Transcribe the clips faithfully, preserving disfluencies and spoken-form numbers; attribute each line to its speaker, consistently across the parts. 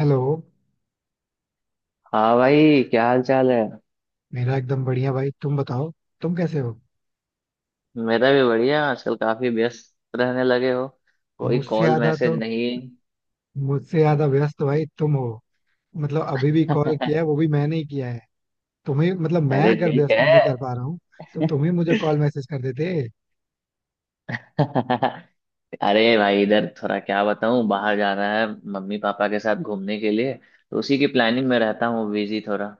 Speaker 1: Hello.
Speaker 2: हाँ भाई, क्या हाल चाल है।
Speaker 1: मेरा एकदम बढ़िया, भाई. तुम बताओ, तुम कैसे हो?
Speaker 2: मेरा भी बढ़िया। आजकल काफी व्यस्त रहने लगे हो, कोई
Speaker 1: मुझसे
Speaker 2: कॉल
Speaker 1: ज्यादा
Speaker 2: मैसेज
Speaker 1: तो
Speaker 2: नहीं।
Speaker 1: मुझसे ज्यादा व्यस्त भाई तुम हो. मतलब, अभी भी कॉल किया है वो भी मैंने ही किया है तुम्हें. मतलब, मैं
Speaker 2: अरे
Speaker 1: अगर
Speaker 2: ठीक
Speaker 1: व्यस्त
Speaker 2: है।
Speaker 1: नहीं कर पा रहा हूँ तो तुम ही मुझे कॉल मैसेज कर देते.
Speaker 2: अरे भाई, इधर थोड़ा क्या बताऊँ, बाहर जाना है मम्मी पापा के साथ घूमने के लिए। तो उसी की प्लानिंग में रहता हूँ, बिजी थोड़ा।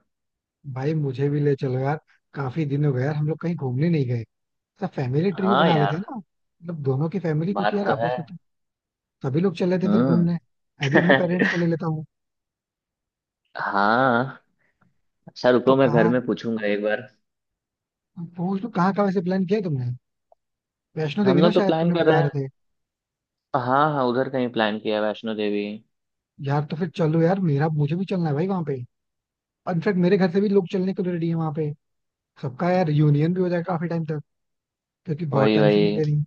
Speaker 1: भाई मुझे भी ले चलो यार, काफी दिन हो गया यार, हम लोग कहीं घूमने नहीं गए. तो फैमिली ट्रिप
Speaker 2: हाँ
Speaker 1: बना लेते हैं
Speaker 2: यार,
Speaker 1: ना, मतलब दोनों की फैमिली, क्योंकि
Speaker 2: बात
Speaker 1: यार
Speaker 2: तो है।
Speaker 1: आपस में तो सभी लोग चल रहे थे फिर
Speaker 2: हम्म।
Speaker 1: घूमने. मैं भी अपने पेरेंट्स को ले लेता हूँ.
Speaker 2: हाँ। अच्छा
Speaker 1: तो
Speaker 2: रुको, मैं घर
Speaker 1: कहाँ,
Speaker 2: में पूछूंगा एक बार।
Speaker 1: पूछ लो कहाँ का वैसे प्लान किया है तुमने. वैष्णो
Speaker 2: हम
Speaker 1: देवी ना
Speaker 2: लोग तो
Speaker 1: शायद,
Speaker 2: प्लान
Speaker 1: तुमने
Speaker 2: कर
Speaker 1: बता
Speaker 2: रहे
Speaker 1: रहे
Speaker 2: हैं।
Speaker 1: थे.
Speaker 2: हाँ हाँ, उधर कहीं प्लान किया है, वैष्णो देवी।
Speaker 1: यार तो फिर चलो यार, मेरा मुझे भी चलना है भाई वहां पे. इनफैक्ट मेरे घर से भी लोग चलने को रेडी है वहां पे. सबका यार यूनियन भी हो जाएगा काफी टाइम तक, क्योंकि बहुत
Speaker 2: वही
Speaker 1: टाइम से
Speaker 2: वही।
Speaker 1: मिले नहीं.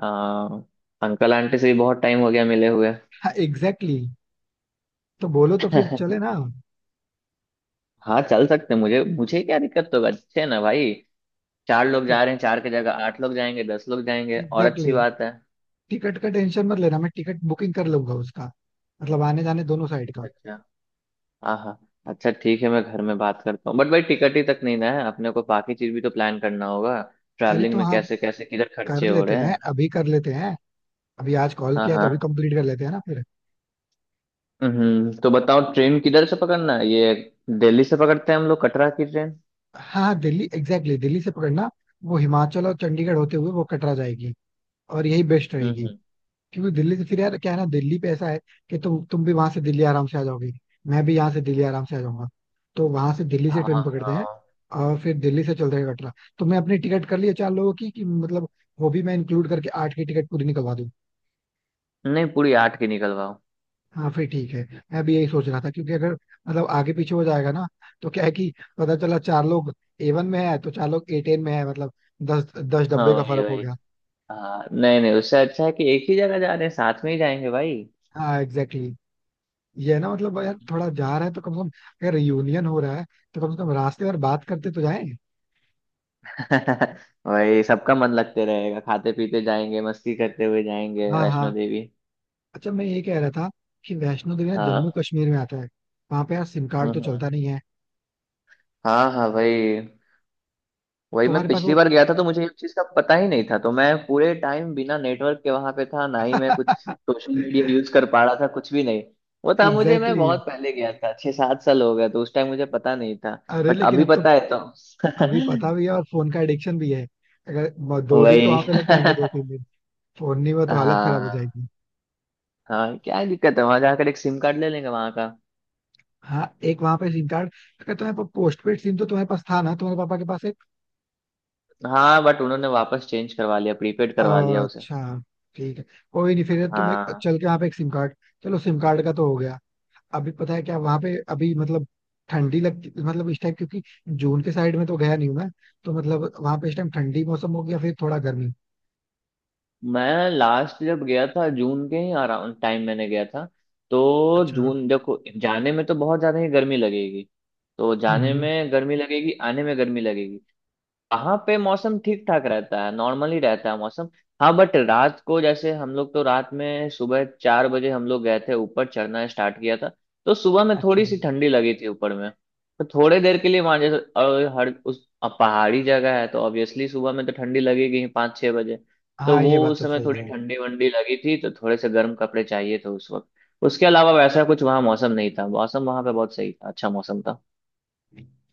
Speaker 2: हाँ। अंकल आंटी से भी बहुत टाइम हो गया मिले हुए।
Speaker 1: हाँ एग्जैक्टली exactly. तो बोलो तो फिर चले ना.
Speaker 2: हाँ चल सकते हैं, मुझे मुझे क्या दिक्कत होगा, अच्छे है ना भाई। चार लोग
Speaker 1: तो
Speaker 2: जा रहे हैं, चार की जगह आठ लोग जाएंगे, दस लोग जाएंगे, और
Speaker 1: एग्जैक्टली
Speaker 2: अच्छी बात
Speaker 1: exactly.
Speaker 2: है।
Speaker 1: टिकट का टेंशन मत लेना, मैं टिकट बुकिंग कर लूंगा उसका. मतलब आने जाने दोनों साइड का.
Speaker 2: अच्छा। हाँ हाँ। अच्छा ठीक है, मैं घर में बात करता हूँ, बट भाई टिकट ही तक नहीं ना है अपने को, बाकी चीज भी तो प्लान करना होगा।
Speaker 1: अरे
Speaker 2: ट्रैवलिंग
Speaker 1: तो
Speaker 2: में
Speaker 1: हाँ,
Speaker 2: कैसे कैसे किधर
Speaker 1: कर
Speaker 2: खर्चे हो
Speaker 1: लेते
Speaker 2: रहे
Speaker 1: हैं
Speaker 2: हैं।
Speaker 1: अभी कर लेते हैं. अभी आज कॉल
Speaker 2: हाँ
Speaker 1: किया तो अभी
Speaker 2: हाँ।
Speaker 1: कंप्लीट कर लेते हैं ना फिर.
Speaker 2: हम्म, तो बताओ ट्रेन किधर से पकड़ना है ये, दिल्ली से पकड़ते हैं हम लोग कटरा की ट्रेन।
Speaker 1: हाँ हाँ, दिल्ली एग्जैक्टली exactly, दिल्ली से पकड़ना. वो हिमाचल और चंडीगढ़ होते हुए वो कटरा जाएगी, और यही बेस्ट
Speaker 2: हम्म
Speaker 1: रहेगी.
Speaker 2: हम्म।
Speaker 1: क्योंकि दिल्ली से फिर यार क्या है ना, दिल्ली पे ऐसा है कि तुम तुम भी वहां से दिल्ली आराम से आ जाओगे. मैं भी यहाँ से दिल्ली आराम से आ जाऊंगा. तो वहां से दिल्ली से
Speaker 2: हाँ
Speaker 1: ट्रेन पकड़ते हैं,
Speaker 2: हाँ।
Speaker 1: और फिर दिल्ली से चलते हैं कटरा. तो मैं अपनी टिकट कर लिया चार लोगों की, कि मतलब वो भी मैं इंक्लूड करके आठ की टिकट पूरी निकलवा दूं.
Speaker 2: नहीं, पूरी आठ की निकलवाओ।
Speaker 1: हाँ फिर ठीक है, मैं भी यही सोच रहा था. क्योंकि अगर मतलब आगे पीछे हो जाएगा ना, तो क्या है कि पता चला चार लोग ए वन में है तो चार लोग ए टेन में है, मतलब दस दस
Speaker 2: हाँ
Speaker 1: डब्बे का
Speaker 2: वही
Speaker 1: फर्क हो
Speaker 2: वही।
Speaker 1: गया.
Speaker 2: हाँ नहीं नहीं, उससे अच्छा है कि एक ही जगह जा रहे हैं साथ में ही जाएंगे भाई।
Speaker 1: हाँ एग्जैक्टली. ये है ना, मतलब यार थोड़ा जा रहा है तो कम से कम, अगर रियूनियन हो रहा है तो कम से कम रास्ते पर बात करते तो जाएं.
Speaker 2: वही, सबका मन लगते रहेगा, खाते पीते जाएंगे, मस्ती करते हुए जाएंगे
Speaker 1: हाँ
Speaker 2: वैष्णो
Speaker 1: हाँ.
Speaker 2: देवी।
Speaker 1: अच्छा मैं ये कह रहा था कि वैष्णो देवी ना जम्मू
Speaker 2: हाँ।
Speaker 1: कश्मीर में आता है, वहां पे यार सिम
Speaker 2: हम्म
Speaker 1: कार्ड तो
Speaker 2: हम्म।
Speaker 1: चलता नहीं है.
Speaker 2: हाँ हाँ वही। वही मैं
Speaker 1: तुम्हारे पास
Speaker 2: पिछली
Speaker 1: वो
Speaker 2: बार गया था तो मुझे इस चीज का पता ही नहीं था, तो मैं पूरे टाइम बिना नेटवर्क के वहां पे था, ना ही मैं कुछ सोशल मीडिया यूज कर पा रहा था, कुछ भी नहीं। वो था मुझे, मैं
Speaker 1: एग्जैक्टली
Speaker 2: बहुत
Speaker 1: exactly.
Speaker 2: पहले गया था, छह सात साल हो गया, तो उस टाइम मुझे पता नहीं था।
Speaker 1: अरे
Speaker 2: बट
Speaker 1: लेकिन
Speaker 2: अभी
Speaker 1: अब तो,
Speaker 2: पता है तो।
Speaker 1: अभी पता भी है और फोन का एडिक्शन भी है. अगर म- दो दिन तो
Speaker 2: वही।
Speaker 1: वहां पे लग जाएंगे, दो तीन दिन फोन नहीं हुआ तो हालत खराब हो
Speaker 2: हाँ।
Speaker 1: जाएगी.
Speaker 2: हाँ क्या दिक्कत है, वहां जाकर एक सिम कार्ड ले लेंगे वहां का।
Speaker 1: हाँ एक वहां पे सिम कार्ड. अगर तुम्हारे पास पोस्ट पेड सिम तो तुम्हारे पास था ना, तुम्हारे पापा के पास.
Speaker 2: हाँ बट उन्होंने वापस चेंज करवा लिया, प्रीपेड करवा लिया उसे।
Speaker 1: अच्छा ठीक है. कोई नहीं, फिर तुम एक
Speaker 2: हाँ।
Speaker 1: चल के वहाँ पे एक सिम कार्ड. चलो सिम कार्ड का तो हो गया. अभी पता है क्या वहाँ पे अभी, मतलब ठंडी लगती मतलब इस टाइम, क्योंकि जून के साइड में तो गया नहीं हूँ मैं. तो मतलब वहाँ पे इस टाइम ठंडी मौसम हो गया फिर थोड़ा गर्मी.
Speaker 2: मैं लास्ट जब गया था, जून के ही अराउंड टाइम मैंने गया था। तो
Speaker 1: अच्छा.
Speaker 2: जून देखो, जाने में तो बहुत ज्यादा ही गर्मी लगेगी। तो
Speaker 1: हम्म
Speaker 2: जाने
Speaker 1: हम्म.
Speaker 2: में गर्मी लगेगी, आने में गर्मी लगेगी। वहां पे मौसम ठीक ठाक रहता है, नॉर्मली रहता है मौसम। हाँ बट रात को, जैसे हम लोग तो रात में सुबह चार बजे हम लोग गए थे, ऊपर चढ़ना स्टार्ट किया था। तो सुबह में
Speaker 1: अच्छा.
Speaker 2: थोड़ी सी ठंडी लगी थी ऊपर में। तो थोड़े देर के लिए वहां जैसे, और हर उस, अब पहाड़ी जगह है तो ऑब्वियसली सुबह में तो ठंडी लगेगी ही, पाँच छह बजे। तो
Speaker 1: हाँ
Speaker 2: वो
Speaker 1: ये बात
Speaker 2: उस
Speaker 1: तो
Speaker 2: समय
Speaker 1: सही
Speaker 2: थोड़ी
Speaker 1: है.
Speaker 2: ठंडी वंडी लगी थी, तो थोड़े से गर्म कपड़े चाहिए थे उस वक्त। उसके अलावा वैसा कुछ वहाँ मौसम नहीं था, मौसम वहां पे बहुत सही था, अच्छा मौसम था।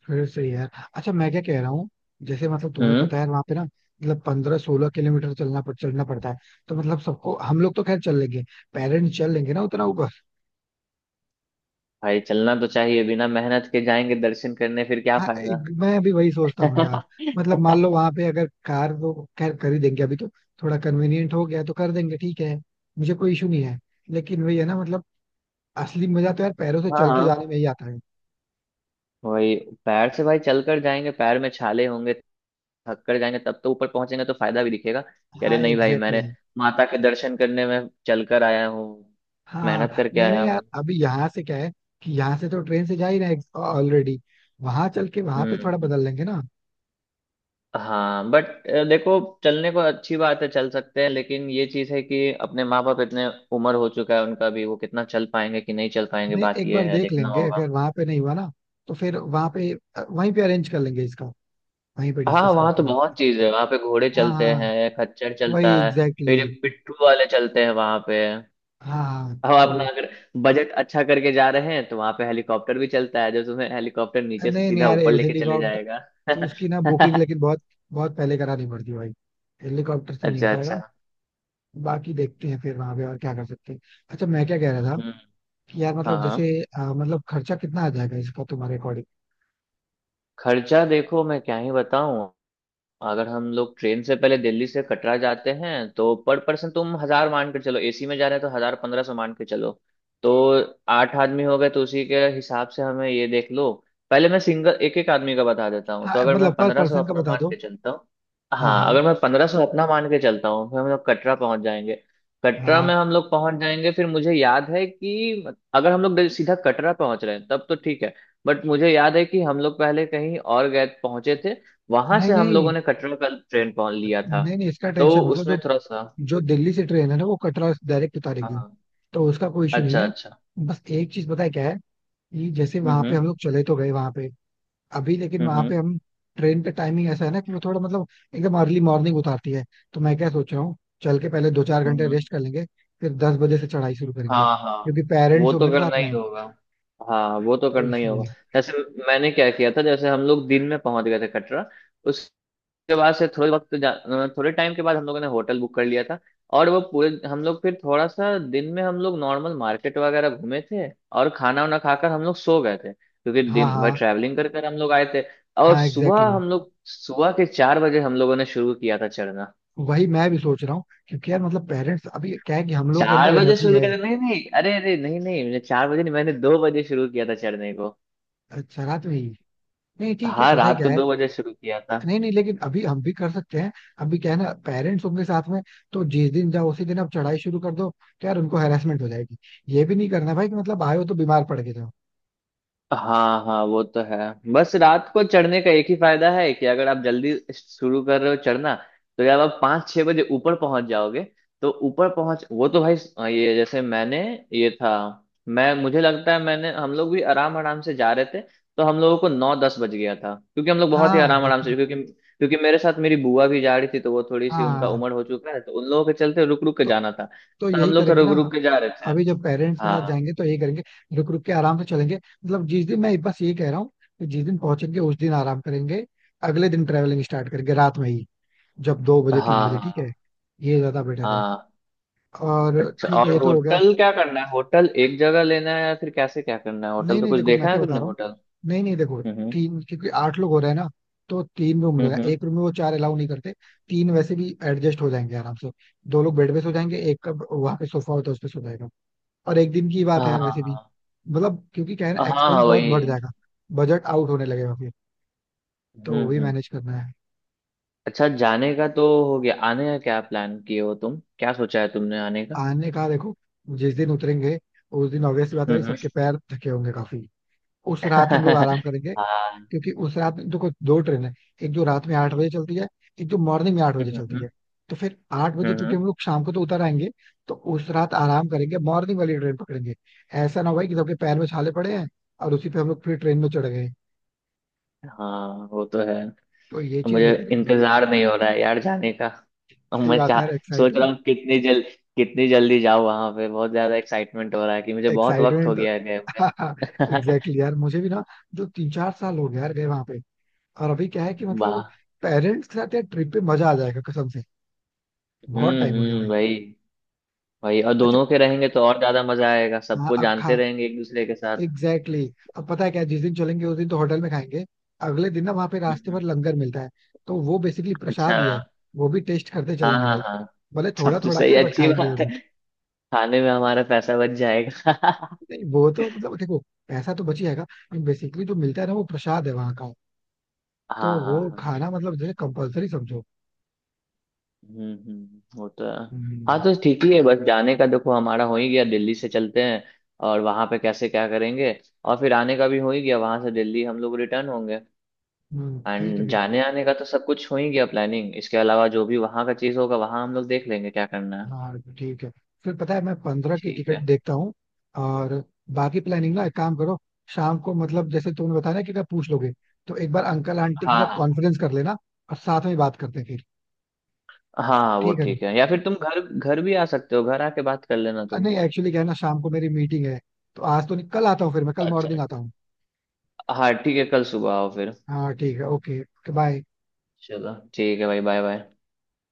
Speaker 1: फिर सही है. अच्छा मैं क्या कह रहा हूँ जैसे मतलब तुम्हें
Speaker 2: हम्म।
Speaker 1: पता है वहाँ पे ना, मतलब पंद्रह सोलह किलोमीटर चलना पड़ चलना पड़ता है. तो मतलब सबको, हम लोग तो खैर चल लेंगे. पेरेंट्स चल लेंगे ना उतना?
Speaker 2: भाई चलना तो चाहिए, बिना मेहनत के जाएंगे दर्शन करने फिर क्या
Speaker 1: हाँ,
Speaker 2: फायदा।
Speaker 1: एक- मैं भी वही सोचता हूँ यार. मतलब मान लो वहां पे अगर कार वो खैर कर ही देंगे अभी, तो थोड़ा कन्वीनियंट हो गया तो कर देंगे, ठीक है, मुझे कोई इशू नहीं है. लेकिन वही है ना मतलब, असली मजा तो यार पैरों से चल के
Speaker 2: हाँ।
Speaker 1: जाने में ही आता है.
Speaker 2: वही। पैर से भाई चलकर जाएंगे, पैर में छाले होंगे, थक कर जाएंगे, तब तो ऊपर पहुंचेंगे तो फायदा भी दिखेगा कि अरे
Speaker 1: हाँ
Speaker 2: नहीं भाई,
Speaker 1: एग्जैक्टली
Speaker 2: मैंने
Speaker 1: exactly.
Speaker 2: माता के दर्शन करने में चलकर आया हूँ,
Speaker 1: हाँ
Speaker 2: मेहनत
Speaker 1: हाँ.
Speaker 2: करके
Speaker 1: नहीं
Speaker 2: आया
Speaker 1: नहीं यार,
Speaker 2: हूँ।
Speaker 1: अभी यहाँ से क्या है कि यहाँ से तो ट्रेन से जा ही रहे ऑलरेडी. वहां चल के वहां पे थोड़ा
Speaker 2: हम्म।
Speaker 1: बदल लेंगे ना.
Speaker 2: हाँ बट देखो, चलने को अच्छी बात है, चल सकते हैं, लेकिन ये चीज है कि अपने माँ बाप इतने उम्र हो चुका है उनका भी, वो कितना चल पाएंगे कि नहीं चल पाएंगे,
Speaker 1: नहीं
Speaker 2: बात
Speaker 1: एक
Speaker 2: ये
Speaker 1: बार
Speaker 2: है,
Speaker 1: देख
Speaker 2: देखना
Speaker 1: लेंगे,
Speaker 2: होगा।
Speaker 1: अगर वहां पे नहीं हुआ ना, तो फिर वहां पे, वहीं पे अरेंज कर लेंगे इसका, वहीं पे
Speaker 2: हाँ
Speaker 1: डिस्कस
Speaker 2: वहाँ
Speaker 1: करके.
Speaker 2: तो बहुत चीज है, वहाँ पे घोड़े
Speaker 1: हाँ
Speaker 2: चलते
Speaker 1: हाँ
Speaker 2: हैं, खच्चर
Speaker 1: वही
Speaker 2: चलता है,
Speaker 1: एग्जैक्टली.
Speaker 2: फिर पिट्ठू वाले चलते हैं वहाँ पे।
Speaker 1: हाँ
Speaker 2: और अपना
Speaker 1: तो,
Speaker 2: अगर बजट अच्छा करके जा रहे हैं तो वहाँ पे हेलीकॉप्टर भी चलता है, जो तुम्हें हेलीकॉप्टर नीचे से
Speaker 1: नहीं नहीं
Speaker 2: सीधा
Speaker 1: यार
Speaker 2: ऊपर लेके चले
Speaker 1: हेलीकॉप्टर,
Speaker 2: जाएगा।
Speaker 1: उसकी ना बुकिंग लेकिन बहुत बहुत पहले करानी पड़ती है भाई. हेलीकॉप्टर से नहीं हो
Speaker 2: अच्छा अच्छा।
Speaker 1: पाएगा. बाकी देखते हैं फिर वहां पे और क्या कर सकते हैं. अच्छा मैं क्या कह रहा था
Speaker 2: हम्म।
Speaker 1: कि यार
Speaker 2: हाँ
Speaker 1: मतलब जैसे
Speaker 2: हाँ।
Speaker 1: अ, मतलब खर्चा कितना आ जाएगा इसका तुम्हारे अकॉर्डिंग?
Speaker 2: खर्चा देखो, मैं क्या ही बताऊं। अगर हम लोग ट्रेन से पहले दिल्ली से कटरा जाते हैं तो पर पर्सन तुम हजार मान के चलो, एसी में जा रहे हैं तो हजार पंद्रह सौ मान के चलो। तो आठ आदमी हो गए, तो उसी के हिसाब से हमें ये देख लो। पहले मैं सिंगल एक एक आदमी का बता देता हूँ,
Speaker 1: हाँ
Speaker 2: तो अगर मैं
Speaker 1: मतलब पर
Speaker 2: पंद्रह सौ
Speaker 1: पर्सन का
Speaker 2: अपना
Speaker 1: बता
Speaker 2: मान
Speaker 1: दो.
Speaker 2: के चलता हूँ।
Speaker 1: हाँ
Speaker 2: हाँ,
Speaker 1: हाँ.
Speaker 2: अगर मैं पंद्रह सौ अपना मान के चलता हूँ, फिर हम लोग कटरा पहुंच जाएंगे। कटरा
Speaker 1: हाँ.
Speaker 2: में हम लोग पहुंच जाएंगे, फिर मुझे याद है कि अगर हम लोग सीधा कटरा पहुंच रहे हैं तब तो ठीक है। बट मुझे याद है कि हम लोग पहले कहीं और गए पहुंचे थे, वहां
Speaker 1: नहीं
Speaker 2: से हम लोगों
Speaker 1: नहीं.
Speaker 2: ने कटरा का ट्रेन पकड़ लिया था,
Speaker 1: नहीं नहीं इसका
Speaker 2: तो
Speaker 1: टेंशन मतलब, जो
Speaker 2: उसमें थोड़ा सा।
Speaker 1: जो दिल्ली से ट्रेन है ना वो कटरा डायरेक्ट
Speaker 2: हाँ
Speaker 1: उतारेगी,
Speaker 2: हाँ।
Speaker 1: तो उसका कोई इशू नहीं
Speaker 2: अच्छा
Speaker 1: है.
Speaker 2: अच्छा।
Speaker 1: बस एक चीज पता है क्या है, कि जैसे वहां
Speaker 2: हम्म
Speaker 1: पे
Speaker 2: हम्म।
Speaker 1: हम लोग चले तो गए वहां पे. अभी लेकिन
Speaker 2: हम्म
Speaker 1: वहां
Speaker 2: हम्म।
Speaker 1: पे हम, ट्रेन का टाइमिंग ऐसा है ना कि वो थोड़ा मतलब एकदम अर्ली मॉर्निंग उतारती है. तो मैं क्या सोच रहा हूँ, चल के पहले दो चार
Speaker 2: हम्म,
Speaker 1: घंटे
Speaker 2: हम्म।
Speaker 1: रेस्ट कर लेंगे, फिर दस बजे से चढ़ाई शुरू करेंगे
Speaker 2: हाँ हाँ,
Speaker 1: क्योंकि
Speaker 2: वो
Speaker 1: पेरेंट्स
Speaker 2: तो
Speaker 1: होंगे ना
Speaker 2: करना
Speaker 1: साथ
Speaker 2: ही
Speaker 1: में.
Speaker 2: होगा। हाँ, वो तो
Speaker 1: तो
Speaker 2: करना ही होगा।
Speaker 1: इसलिए.
Speaker 2: जैसे मैंने क्या किया था, जैसे हम लोग दिन में पहुंच गए थे कटरा के बाद से, थोड़े वक्त जा- थोड़े टाइम के बाद हम लोगों ने होटल बुक कर लिया था। और वो पूरे हम लोग फिर थोड़ा सा दिन में हम लोग नॉर्मल मार्केट वगैरह घूमे थे और खाना वाना खाकर हम लोग सो गए थे, क्योंकि
Speaker 1: हाँ
Speaker 2: दिन भर
Speaker 1: हाँ.
Speaker 2: ट्रैवलिंग कर कर हम लोग आए थे। और
Speaker 1: हाँ एग्जैक्टली
Speaker 2: सुबह
Speaker 1: exactly.
Speaker 2: हम लोग सुबह के चार बजे हम लोगों ने शुरू किया था चढ़ना।
Speaker 1: वही मैं भी सोच रहा हूँ, क्योंकि यार मतलब पेरेंट्स, अभी क्या है कि हम लोग के
Speaker 2: चार
Speaker 1: अंदर
Speaker 2: बजे
Speaker 1: एनर्जी
Speaker 2: शुरू
Speaker 1: है.
Speaker 2: किया था, नहीं नहीं, अरे अरे नहीं नहीं, मैंने चार बजे नहीं, मैंने दो बजे शुरू किया था चढ़ने को।
Speaker 1: अच्छा, रात में ही? नहीं ठीक है,
Speaker 2: हाँ
Speaker 1: पता है
Speaker 2: रात
Speaker 1: क्या
Speaker 2: को
Speaker 1: है.
Speaker 2: दो बजे शुरू किया था।
Speaker 1: नहीं नहीं, लेकिन अभी हम भी कर सकते हैं. अभी क्या है ना, पेरेंट्स होंगे साथ में, तो जिस दिन जाओ उसी दिन आप चढ़ाई शुरू कर दो तो यार उनको हेरासमेंट हो जाएगी. ये भी नहीं करना भाई कि मतलब आए हो तो बीमार पड़ के जाओ.
Speaker 2: हाँ हाँ वो तो है। बस रात को चढ़ने का एक ही फायदा है कि अगर आप जल्दी शुरू कर रहे हो चढ़ना, तो जब आप पाँच छह बजे ऊपर पहुंच जाओगे। तो ऊपर पहुंच वो तो भाई, अ, ये जैसे मैंने ये था, मैं मुझे लगता है मैंने, हम लोग भी आराम आराम से जा रहे थे, तो हम लोगों को नौ दस बज गया था, क्योंकि हम लोग बहुत ही
Speaker 1: हाँ
Speaker 2: आराम
Speaker 1: वो
Speaker 2: आराम
Speaker 1: तो.
Speaker 2: से, क्योंकि क्योंकि मेरे साथ मेरी बुआ भी जा रही थी, तो वो थोड़ी सी उनका
Speaker 1: हाँ
Speaker 2: उम्र हो चुका है, तो उन लोगों के चलते रुक रुक के
Speaker 1: तो
Speaker 2: जाना था,
Speaker 1: तो
Speaker 2: तो हम
Speaker 1: यही
Speaker 2: लोग तो
Speaker 1: करेंगे
Speaker 2: रुक
Speaker 1: ना.
Speaker 2: रुक के जा रहे थे।
Speaker 1: अभी जब पेरेंट्स के साथ
Speaker 2: हाँ
Speaker 1: जाएंगे तो यही करेंगे. रुक रुक के आराम से चलेंगे. मतलब जिस दिन, मैं बस ये कह रहा हूँ कि जिस दिन पहुंचेंगे उस दिन आराम करेंगे. अगले दिन ट्रेवलिंग स्टार्ट करेंगे रात में ही, जब दो बजे
Speaker 2: हाँ।
Speaker 1: तीन बजे ठीक है.
Speaker 2: हाँ
Speaker 1: ये ज्यादा बेटर है.
Speaker 2: हाँ।
Speaker 1: और
Speaker 2: अच्छा
Speaker 1: ठीक
Speaker 2: और
Speaker 1: है, ये तो हो गया.
Speaker 2: होटल क्या करना है, होटल एक जगह लेना है या फिर कैसे क्या करना है, होटल
Speaker 1: नहीं
Speaker 2: का
Speaker 1: नहीं
Speaker 2: कुछ
Speaker 1: देखो मैं
Speaker 2: देखा है
Speaker 1: क्या बता
Speaker 2: तुमने
Speaker 1: रहा हूँ.
Speaker 2: होटल।
Speaker 1: नहीं नहीं देखो,
Speaker 2: हम्म
Speaker 1: तीन, क्योंकि आठ लोग हो रहे हैं ना, तो तीन रूम लेना.
Speaker 2: हम्म। हम्म।
Speaker 1: एक रूम में वो चार अलाउ नहीं करते. तीन वैसे भी एडजस्ट हो जाएंगे आराम से. दो लोग बेड पे सो जाएंगे, एक का वहां पे सोफा होता है उस पे सो जाएगा. और एक दिन की बात है
Speaker 2: हाँ
Speaker 1: यार वैसे भी.
Speaker 2: हाँ
Speaker 1: मतलब, क्योंकि क्या है ना,
Speaker 2: हाँ। हाँ हाँ,
Speaker 1: एक्सपेंस बहुत
Speaker 2: वही
Speaker 1: बढ़
Speaker 2: है।
Speaker 1: जाएगा, बजट आउट होने लगेगा फिर, तो
Speaker 2: हम्म
Speaker 1: वो भी
Speaker 2: हम्म।
Speaker 1: मैनेज करना है.
Speaker 2: अच्छा, जाने का तो हो गया, आने का क्या प्लान किए हो तुम, क्या सोचा है तुमने आने का।
Speaker 1: आने का देखो, जिस दिन उतरेंगे उस दिन ऑब्वियसली बात
Speaker 2: हम्म
Speaker 1: है सबके
Speaker 2: हम्म।
Speaker 1: पैर थके होंगे काफी. उस रात हम लोग आराम करेंगे,
Speaker 2: हाँ।
Speaker 1: क्योंकि उस रात में देखो दो ट्रेन है. एक जो रात में आठ बजे चलती है, एक जो मॉर्निंग में आठ बजे
Speaker 2: हम्म
Speaker 1: चलती
Speaker 2: हम्म।
Speaker 1: है. तो फिर आठ बजे,
Speaker 2: हम्म,
Speaker 1: क्योंकि
Speaker 2: हम्म।
Speaker 1: हम लोग शाम को तो उतर आएंगे, तो उस रात आराम करेंगे, मॉर्निंग वाली ट्रेन पकड़ेंगे. ऐसा ना हो भाई कि सबके पैर में छाले पड़े हैं और उसी पे हम लोग फिर ट्रेन में चढ़ गए.
Speaker 2: हाँ वो तो है।
Speaker 1: तो ये चीज
Speaker 2: मुझे
Speaker 1: नहीं करेंगे.
Speaker 2: इंतजार नहीं हो रहा है यार जाने का। अब
Speaker 1: सही
Speaker 2: मैं
Speaker 1: बात है
Speaker 2: चाह
Speaker 1: यार,
Speaker 2: सोच रहा
Speaker 1: एक्साइटमेंट.
Speaker 2: हूँ, कितनी जल कितनी जल्दी जाऊँ वहां पे, बहुत ज्यादा एक्साइटमेंट हो रहा है, कि मुझे बहुत वक्त हो
Speaker 1: एक्साइटमेंट
Speaker 2: गया है गए हुए।
Speaker 1: Exactly exactly. यार मुझे भी ना, जो तीन चार साल हो गया यार गए वहां पे. और अभी क्या है कि मतलब,
Speaker 2: वाह।
Speaker 1: पेरेंट्स के साथ यार ट्रिप पे मजा आ जाएगा कसम से. बहुत
Speaker 2: हम्म
Speaker 1: टाइम हो गया
Speaker 2: हम्म।
Speaker 1: भाई.
Speaker 2: वही वही, और
Speaker 1: अच्छा.
Speaker 2: दोनों के रहेंगे तो और ज्यादा मजा आएगा,
Speaker 1: हाँ
Speaker 2: सबको
Speaker 1: अब
Speaker 2: जानते
Speaker 1: खा
Speaker 2: रहेंगे एक दूसरे के साथ।
Speaker 1: Exactly exactly. अब पता है क्या, जिस दिन चलेंगे उस दिन तो होटल में खाएंगे. अगले दिन ना वहाँ पे
Speaker 2: हम्म
Speaker 1: रास्ते
Speaker 2: हम्म।
Speaker 1: भर लंगर मिलता है, तो वो बेसिकली
Speaker 2: अच्छा।
Speaker 1: प्रसाद ही है. वो भी टेस्ट करते
Speaker 2: हाँ
Speaker 1: चलेंगे
Speaker 2: हाँ
Speaker 1: भाई,
Speaker 2: हाँ।
Speaker 1: भले
Speaker 2: सब
Speaker 1: थोड़ा
Speaker 2: तो
Speaker 1: थोड़ा
Speaker 2: सही,
Speaker 1: खाए बट
Speaker 2: अच्छी
Speaker 1: खाएंगे
Speaker 2: बात है।
Speaker 1: जरूर.
Speaker 2: खाने में हमारा पैसा बच जाएगा। हाँ
Speaker 1: नहीं वो तो मतलब देखो, पैसा तो बच ही जाएगा. बेसिकली जो मिलता है ना वो प्रसाद है वहाँ का, तो
Speaker 2: हाँ
Speaker 1: वो
Speaker 2: हाँ।
Speaker 1: खाना मतलब जैसे कंपलसरी समझो.
Speaker 2: हम्म हम्म, वो तो है। हाँ,
Speaker 1: हम्म.
Speaker 2: तो ठीक ही है, बस जाने का देखो हमारा हो ही गया, दिल्ली से चलते हैं और वहां पे कैसे क्या करेंगे। और फिर आने का भी हो ही गया, वहां से दिल्ली हम लोग रिटर्न होंगे।
Speaker 1: हम्म, ठीक है
Speaker 2: एंड
Speaker 1: फिर.
Speaker 2: जाने आने का तो सब कुछ हो ही गया प्लानिंग, इसके अलावा जो भी वहां का चीज होगा वहां हम लोग देख लेंगे क्या करना है।
Speaker 1: हाँ ठीक है. फिर पता है, मैं पंद्रह की
Speaker 2: ठीक
Speaker 1: टिकट
Speaker 2: है।
Speaker 1: देखता हूँ. और बाकी प्लानिंग ना, एक काम करो. शाम को, मतलब जैसे तुमने बताया ना कि अगर पूछ लोगे, तो एक बार अंकल आंटी के
Speaker 2: हाँ
Speaker 1: साथ
Speaker 2: हाँ,
Speaker 1: कॉन्फ्रेंस कर लेना, और साथ में बात करते हैं फिर.
Speaker 2: हाँ वो
Speaker 1: ठीक है ना?
Speaker 2: ठीक है, या फिर तुम घर घर भी आ सकते हो, घर आके बात कर लेना
Speaker 1: अ,
Speaker 2: तुम।
Speaker 1: नहीं एक्चुअली क्या है ना, शाम को मेरी मीटिंग है. तो आज तो नहीं, कल आता हूँ. फिर मैं कल
Speaker 2: अच्छा
Speaker 1: मॉर्निंग आता
Speaker 2: अच्छा।
Speaker 1: हूँ.
Speaker 2: हाँ ठीक है, कल सुबह आओ फिर।
Speaker 1: हाँ ठीक है. Okay, bye.
Speaker 2: चलो ठीक है भाई, बाय बाय।